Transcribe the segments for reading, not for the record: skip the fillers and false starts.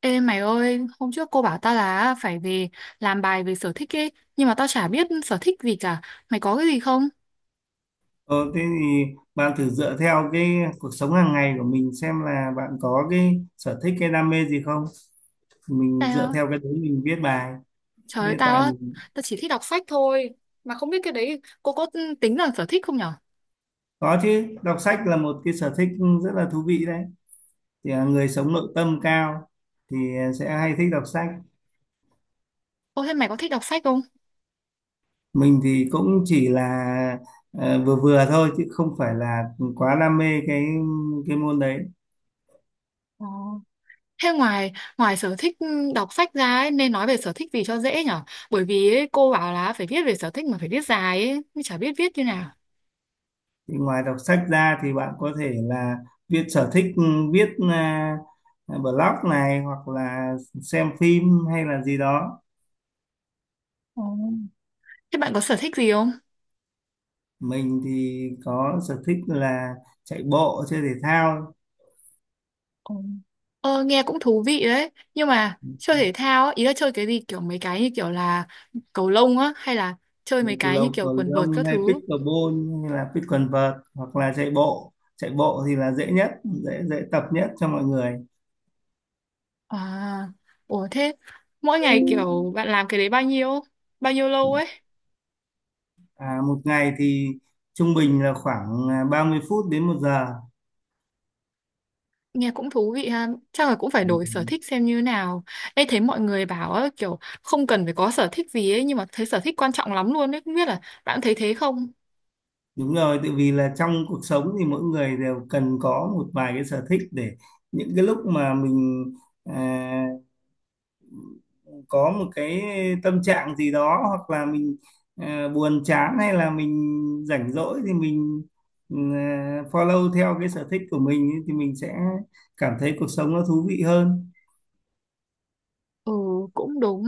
Ê mày ơi, hôm trước cô bảo tao là phải về làm bài về sở thích ấy, nhưng mà tao chả biết sở thích gì cả. Mày có cái gì không? Ờ, thế thì bạn thử dựa theo cái cuộc sống hàng ngày của mình xem là bạn có cái sở thích cái đam mê gì không. Mình dựa Tao, theo cái đấy mình viết bài. Trời Thế ơi, Hiện tại mình tao chỉ thích đọc sách thôi. Mà không biết cái đấy cô có tính là sở thích không nhở? Có chứ, đọc sách là một cái sở thích rất là thú vị đấy. Thì là người sống nội tâm cao thì sẽ hay thích đọc sách. Ô thế mày có thích đọc sách không? Mình thì cũng chỉ là vừa vừa thôi chứ không phải là quá đam mê cái môn đấy. Ờ. Thế ngoài ngoài sở thích đọc sách ra ấy, nên nói về sở thích gì cho dễ nhở? Bởi vì ấy, cô bảo là phải viết về sở thích mà phải viết dài ấy, nhưng chả biết viết như nào. Thì ngoài đọc sách ra thì bạn có thể là viết sở thích viết à, blog này hoặc là xem phim hay là gì đó. Ờ. Thế bạn có sở thích gì không? Mình thì có sở thích là chạy bộ, chơi thể thao, Ồ. Ờ, nghe cũng thú vị đấy nhưng mà chơi thể thao á, ý là chơi cái gì kiểu mấy cái như kiểu là cầu lông á hay là chơi mấy cái như cầu kiểu cầu quần vợt lông các hay thứ. pickleball hay là picklevert, hoặc là chạy bộ thì là dễ nhất, dễ dễ tập nhất cho mọi người. À, ủa, thế mỗi ngày kiểu bạn làm cái đấy bao nhiêu lâu ấy? Một ngày thì trung bình là khoảng 30 phút đến 1 giờ. Nghe cũng thú vị ha, chắc là cũng phải đổi sở Ừ. thích xem như nào. Ê, thấy mọi người bảo á, kiểu không cần phải có sở thích gì ấy, nhưng mà thấy sở thích quan trọng lắm luôn đấy, không biết là bạn thấy thế không? Đúng rồi, tại vì là trong cuộc sống thì mỗi người đều cần có một vài cái sở thích, để những cái lúc mà mình à, có một cái tâm trạng gì đó, hoặc là mình buồn chán, hay là mình rảnh rỗi, thì mình follow theo cái sở thích của mình ấy, thì mình sẽ cảm thấy cuộc sống nó thú vị hơn. Ừ, cũng đúng.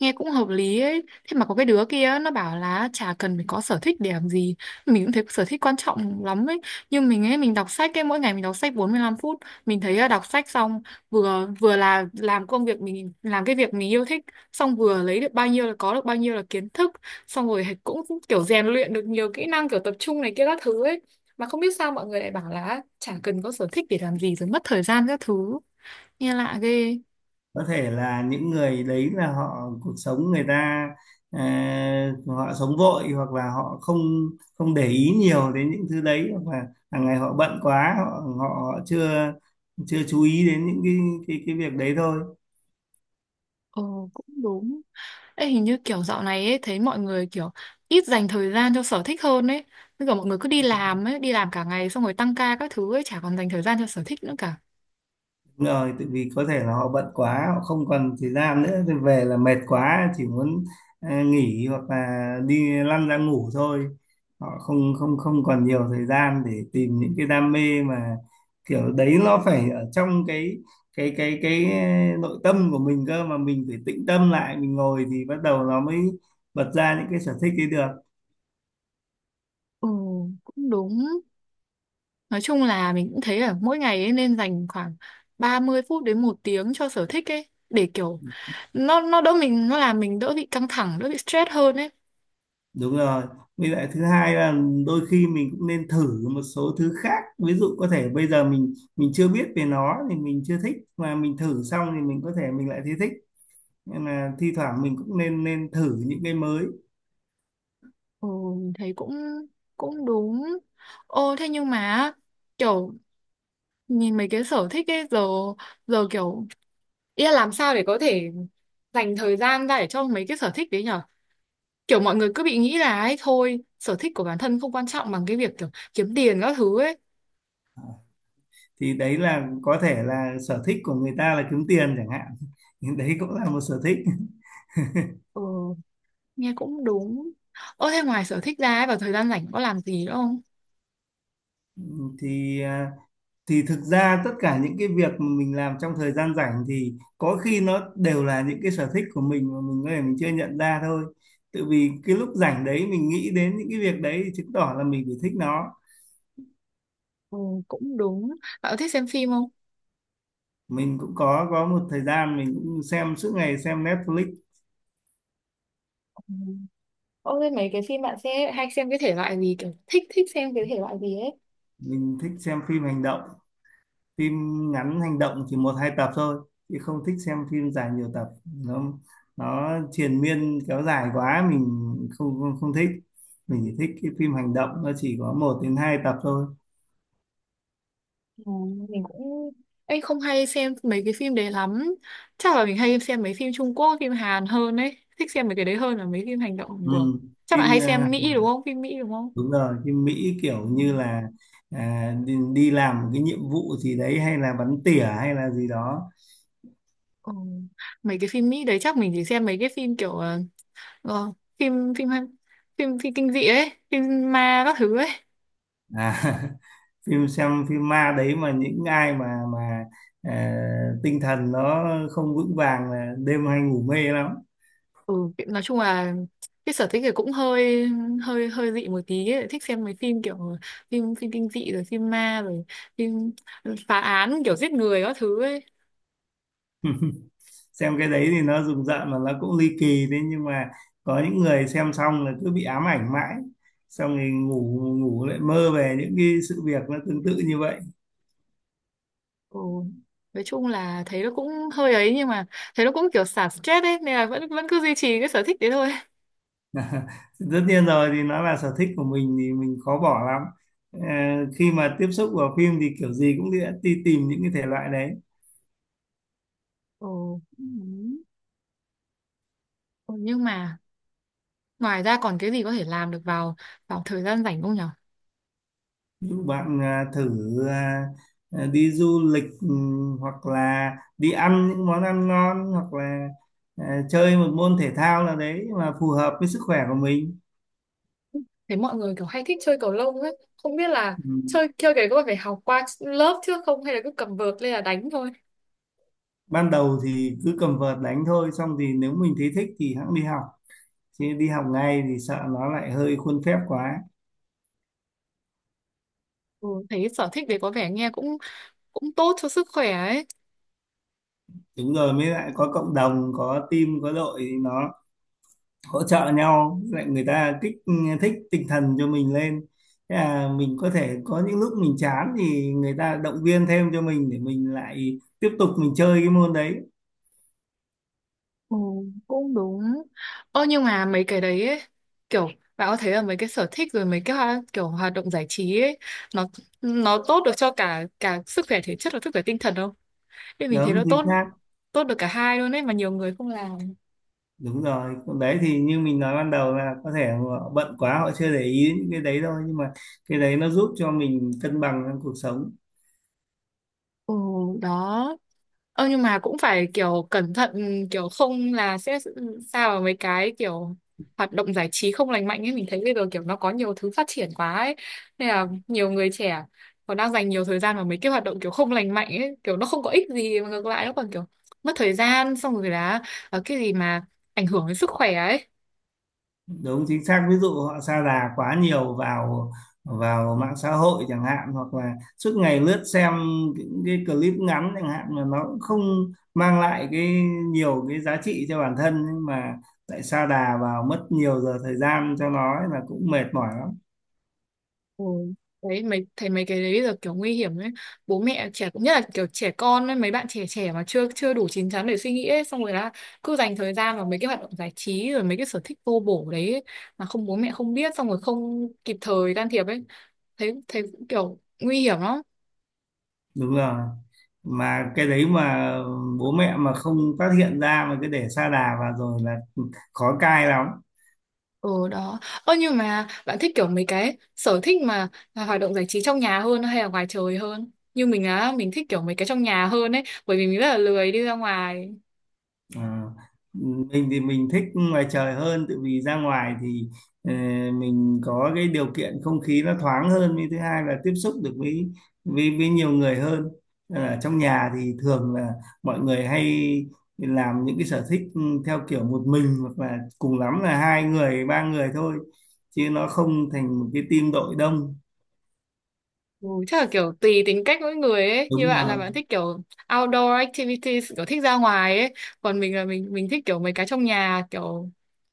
Nghe cũng hợp lý ấy. Thế mà có cái đứa kia nó bảo là chả cần phải có sở thích để làm gì. Mình cũng thấy sở thích quan trọng lắm ấy. Nhưng mình ấy, mình đọc sách ấy, mỗi ngày mình đọc sách 45 phút. Mình thấy là đọc sách xong, Vừa vừa là làm công việc mình, làm cái việc mình yêu thích, xong vừa lấy được bao nhiêu là có được bao nhiêu là kiến thức, xong rồi cũng kiểu rèn luyện được nhiều kỹ năng, kiểu tập trung này kia các thứ ấy. Mà không biết sao mọi người lại bảo là chả cần có sở thích để làm gì, rồi mất thời gian các thứ. Nghe lạ ghê. Có thể là những người đấy là họ cuộc sống người ta ờ, họ sống vội, hoặc là họ không không để ý nhiều đến những thứ đấy, hoặc là hàng ngày họ bận quá, họ họ, họ chưa chưa chú ý đến những cái cái việc đấy thôi. Ồ, cũng đúng. Ê, hình như kiểu dạo này ấy, thấy mọi người kiểu ít dành thời gian cho sở thích hơn ấy. Bây giờ mọi người cứ đi làm ấy, đi làm cả ngày xong rồi tăng ca các thứ ấy, chả còn dành thời gian cho sở thích nữa cả. Đúng rồi, tại vì có thể là họ bận quá, họ không còn thời gian nữa, thì về là mệt quá, chỉ muốn nghỉ hoặc là đi lăn ra ngủ thôi. Họ không không không còn nhiều thời gian để tìm những cái đam mê, mà kiểu đấy nó phải ở trong cái nội tâm của mình cơ, mà mình phải tĩnh tâm lại, mình ngồi thì bắt đầu nó mới bật ra những cái sở thích ấy được. Ừ, cũng đúng. Nói chung là mình cũng thấy là mỗi ngày ấy nên dành khoảng 30 phút đến 1 tiếng cho sở thích ấy. Để kiểu nó đỡ mình, nó làm mình đỡ bị căng thẳng, đỡ bị stress hơn ấy. Đúng rồi. Với lại thứ hai là đôi khi mình cũng nên thử một số thứ khác. Ví dụ có thể bây giờ mình chưa biết về nó thì mình chưa thích, mà mình thử xong thì mình có thể mình lại thấy thích. Nên là thi thoảng mình cũng nên nên thử những cái mới. Ừ, mình thấy cũng cũng đúng. Ô, thế nhưng mà kiểu nhìn mấy cái sở thích ấy giờ, kiểu ý là làm sao để có thể dành thời gian ra để cho mấy cái sở thích đấy nhở? Kiểu mọi người cứ bị nghĩ là ấy thôi, sở thích của bản thân không quan trọng bằng cái việc kiểu kiếm tiền các thứ ấy. Thì đấy là có thể là sở thích của người ta là kiếm tiền chẳng hạn. Đấy cũng là một sở thích. Ừ, nghe cũng đúng. Ơ thế ngoài sở thích ra ấy, vào thời gian rảnh có làm gì nữa không? Thì à, thì thực ra tất cả những cái việc mà mình làm trong thời gian rảnh thì có khi nó đều là những cái sở thích của mình mà mình có thể mình chưa nhận ra thôi. Tự vì cái lúc rảnh đấy mình nghĩ đến những cái việc đấy thì chứng tỏ là mình phải thích nó. Ừ, cũng đúng. Bạn có thích xem phim không? Mình cũng có một thời gian mình cũng xem suốt ngày, xem Netflix. Ừ. Ơ thế mấy cái phim bạn sẽ hay xem cái thể loại gì, kiểu thích thích xem cái thể loại gì ấy? Mình thích xem phim hành động, phim ngắn hành động chỉ một hai tập thôi, chị không thích xem phim dài nhiều tập. Nó nó triền miên kéo dài quá, mình không không, không thích. Mình chỉ thích cái phim hành động nó chỉ có một đến hai tập thôi. Ừ, mình cũng anh không hay xem mấy cái phim đấy lắm, chắc là mình hay xem mấy phim Trung Quốc, phim Hàn hơn ấy, thích xem mấy cái đấy hơn là mấy phim hành động Ừ. của. Chắc bạn Phim hay xem Mỹ đúng không, phim Mỹ đúng không? đúng rồi, phim Mỹ kiểu Ừ. như là đi làm một cái nhiệm vụ gì đấy, hay là bắn tỉa hay là gì đó. Ừ. Mấy cái phim Mỹ đấy chắc mình chỉ xem mấy cái phim kiểu ờ, phim phim phim phim kinh dị ấy, phim ma các thứ ấy. à, Phim xem phim ma đấy, mà những ai mà ờ, tinh thần nó không vững vàng là đêm hay ngủ mê lắm. Ừ, nói chung là cái sở thích thì cũng hơi hơi hơi dị một tí ấy. Thích xem mấy phim kiểu phim phim kinh dị, rồi phim ma, rồi phim phá án kiểu giết người các thứ ấy. Xem cái đấy thì nó rùng rợn mà nó cũng ly kỳ, thế nhưng mà có những người xem xong là cứ bị ám ảnh mãi, xong thì ngủ ngủ lại mơ về những cái sự việc nó tương tự như vậy. Ừ. Nói chung là thấy nó cũng hơi ấy nhưng mà thấy nó cũng kiểu xả stress ấy, nên là vẫn vẫn cứ duy trì cái sở thích đấy thôi. Tất nhiên rồi, thì nó là sở thích của mình thì mình khó bỏ lắm. Ờ, khi mà tiếp xúc vào phim thì kiểu gì cũng đi tìm những cái thể loại đấy. Ừ. Ừ. Ừ, nhưng mà ngoài ra còn cái gì có thể làm được vào vào thời gian rảnh không nhở? Ví dụ bạn thử à, đi du lịch, hoặc là đi ăn những món ăn ngon, hoặc là chơi một môn thể thao nào đấy mà phù hợp với sức khỏe của mình. Thấy mọi người kiểu hay thích chơi cầu lông ấy, không biết là Ừ. chơi chơi cái có phải học qua lớp trước không hay là cứ cầm vợt lên là đánh thôi. Ban đầu thì cứ cầm vợt đánh thôi, xong thì nếu mình thấy thích thì hẵng đi học, chứ đi học ngay thì sợ nó lại hơi khuôn phép quá. Ừ, thấy sở thích đấy có vẻ nghe cũng cũng tốt cho sức khỏe ấy. Đúng rồi, mới lại có cộng đồng, có team có đội thì nó hỗ trợ nhau, lại người ta kích thích tinh thần cho mình lên. Thế là mình có thể có những lúc mình chán thì người ta động viên thêm cho mình để mình lại tiếp tục mình chơi cái môn đấy. Ừ, cũng đúng. Ơ nhưng mà mấy cái đấy ấy, kiểu bạn có thấy là mấy cái sở thích rồi mấy cái kiểu hoạt động giải trí ấy, nó nó tốt được cho cả cả sức khỏe thể chất và sức khỏe tinh thần không? Nên mình thấy nó Đúng chính tốt xác. tốt được cả hai luôn ấy mà nhiều người không làm. Đúng rồi, còn đấy thì như mình nói ban đầu là có thể họ bận quá, họ chưa để ý đến những cái đấy thôi, nhưng mà cái đấy nó giúp cho mình cân bằng trong cuộc sống. Ừ, đó. Ơ nhưng mà cũng phải kiểu cẩn thận, kiểu không là sẽ sao vào mấy cái kiểu hoạt động giải trí không lành mạnh ấy, mình thấy bây giờ kiểu nó có nhiều thứ phát triển quá ấy, nên là nhiều người trẻ còn đang dành nhiều thời gian vào mấy cái hoạt động kiểu không lành mạnh ấy, kiểu nó không có ích gì mà ngược lại nó còn kiểu mất thời gian, xong rồi là cái gì mà ảnh hưởng đến sức khỏe ấy. Đúng chính xác, ví dụ họ sa đà quá nhiều vào vào mạng xã hội chẳng hạn, hoặc là suốt ngày lướt xem những cái clip ngắn chẳng hạn, mà nó cũng không mang lại cái nhiều cái giá trị cho bản thân, nhưng mà lại sa đà vào, mất nhiều giờ thời gian cho nó ấy, là cũng mệt mỏi. Ừ. Đấy, thấy mấy cái đấy giờ kiểu nguy hiểm ấy, bố mẹ trẻ cũng, nhất là kiểu trẻ con ấy, mấy bạn trẻ trẻ mà chưa chưa đủ chín chắn để suy nghĩ ấy, xong rồi là cứ dành thời gian vào mấy cái hoạt động giải trí rồi mấy cái sở thích vô bổ đấy ấy, mà không bố mẹ không biết, xong rồi không kịp thời can thiệp ấy, thấy thấy cũng kiểu nguy hiểm lắm. Đúng rồi, mà cái đấy mà bố mẹ mà không phát hiện ra mà cứ để sa đà vào rồi là khó cai lắm. Ừ, đó. Ơ nhưng mà bạn thích kiểu mấy cái sở thích mà là hoạt động giải trí trong nhà hơn hay là ngoài trời hơn, như mình á mình thích kiểu mấy cái trong nhà hơn ấy, bởi vì mình rất là lười đi ra ngoài. Ờ, mình thì mình thích ngoài trời hơn, tự vì ra ngoài thì ờ, mình có cái điều kiện không khí nó thoáng hơn, với thứ hai là tiếp xúc được với với nhiều người hơn. Ở trong nhà thì thường là mọi người hay làm những cái sở thích theo kiểu một mình, hoặc là cùng lắm là hai người ba người thôi, chứ nó không thành một cái team đội đông. Ừ, chắc là kiểu tùy tính cách mỗi người ấy, như Đúng bạn là rồi. bạn thích kiểu outdoor activities, kiểu thích ra ngoài ấy, còn mình là mình thích kiểu mấy cái trong nhà, kiểu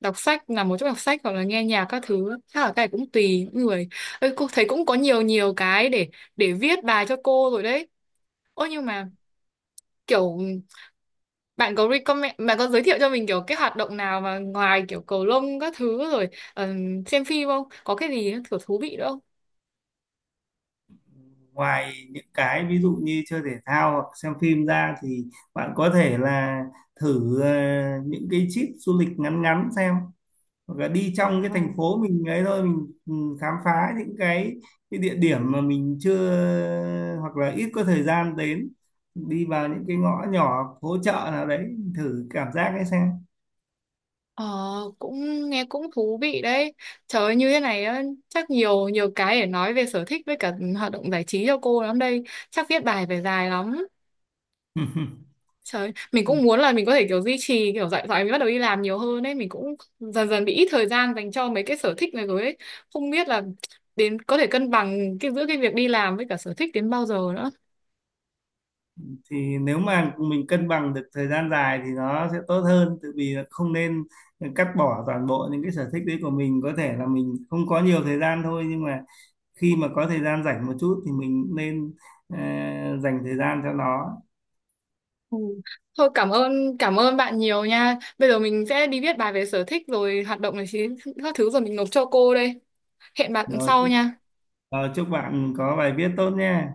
đọc sách, nằm một chỗ đọc sách hoặc là nghe nhạc các thứ, chắc là cái này cũng tùy mỗi người. Ê, cô thấy cũng có nhiều nhiều cái để viết bài cho cô rồi đấy. Ôi nhưng mà kiểu bạn có giới thiệu cho mình kiểu cái hoạt động nào mà ngoài kiểu cầu lông các thứ rồi, ờ, xem phim, không có cái gì kiểu thú vị nữa Ngoài những cái ví dụ như chơi thể thao hoặc xem phim ra thì bạn có thể là thử những cái trip du lịch ngắn ngắn xem, hoặc là đi trong cái thành không? phố mình ấy thôi, mình khám phá những cái địa điểm mà mình chưa hoặc là ít có thời gian đến, đi vào những cái ngõ nhỏ phố chợ nào đấy, thử cảm giác ấy xem. Ờ, cũng nghe cũng thú vị đấy. Trời ơi, như thế này á, chắc nhiều nhiều cái để nói về sở thích với cả hoạt động giải trí cho cô lắm đây. Chắc viết bài phải dài lắm. Trời, mình cũng muốn là mình có thể kiểu duy trì, kiểu dạy dạy mình bắt đầu đi làm nhiều hơn ấy, mình cũng dần dần bị ít thời gian dành cho mấy cái sở thích này rồi ấy. Không biết là đến có thể cân bằng cái giữa cái việc đi làm với cả sở thích đến bao giờ nữa. Thì nếu mà mình cân bằng được thời gian dài thì nó sẽ tốt hơn, tự vì là không nên cắt bỏ toàn bộ những cái sở thích đấy của mình. Có thể là mình không có nhiều thời gian thôi, nhưng mà khi mà có thời gian rảnh một chút thì mình nên ờ, dành thời gian cho nó. Ừ. Thôi cảm ơn bạn nhiều nha. Bây giờ mình sẽ đi viết bài về sở thích rồi hoạt động này các thứ rồi mình nộp cho cô đây. Hẹn bạn rồi, sau nha. Rồi, chúc bạn có bài viết tốt nhé.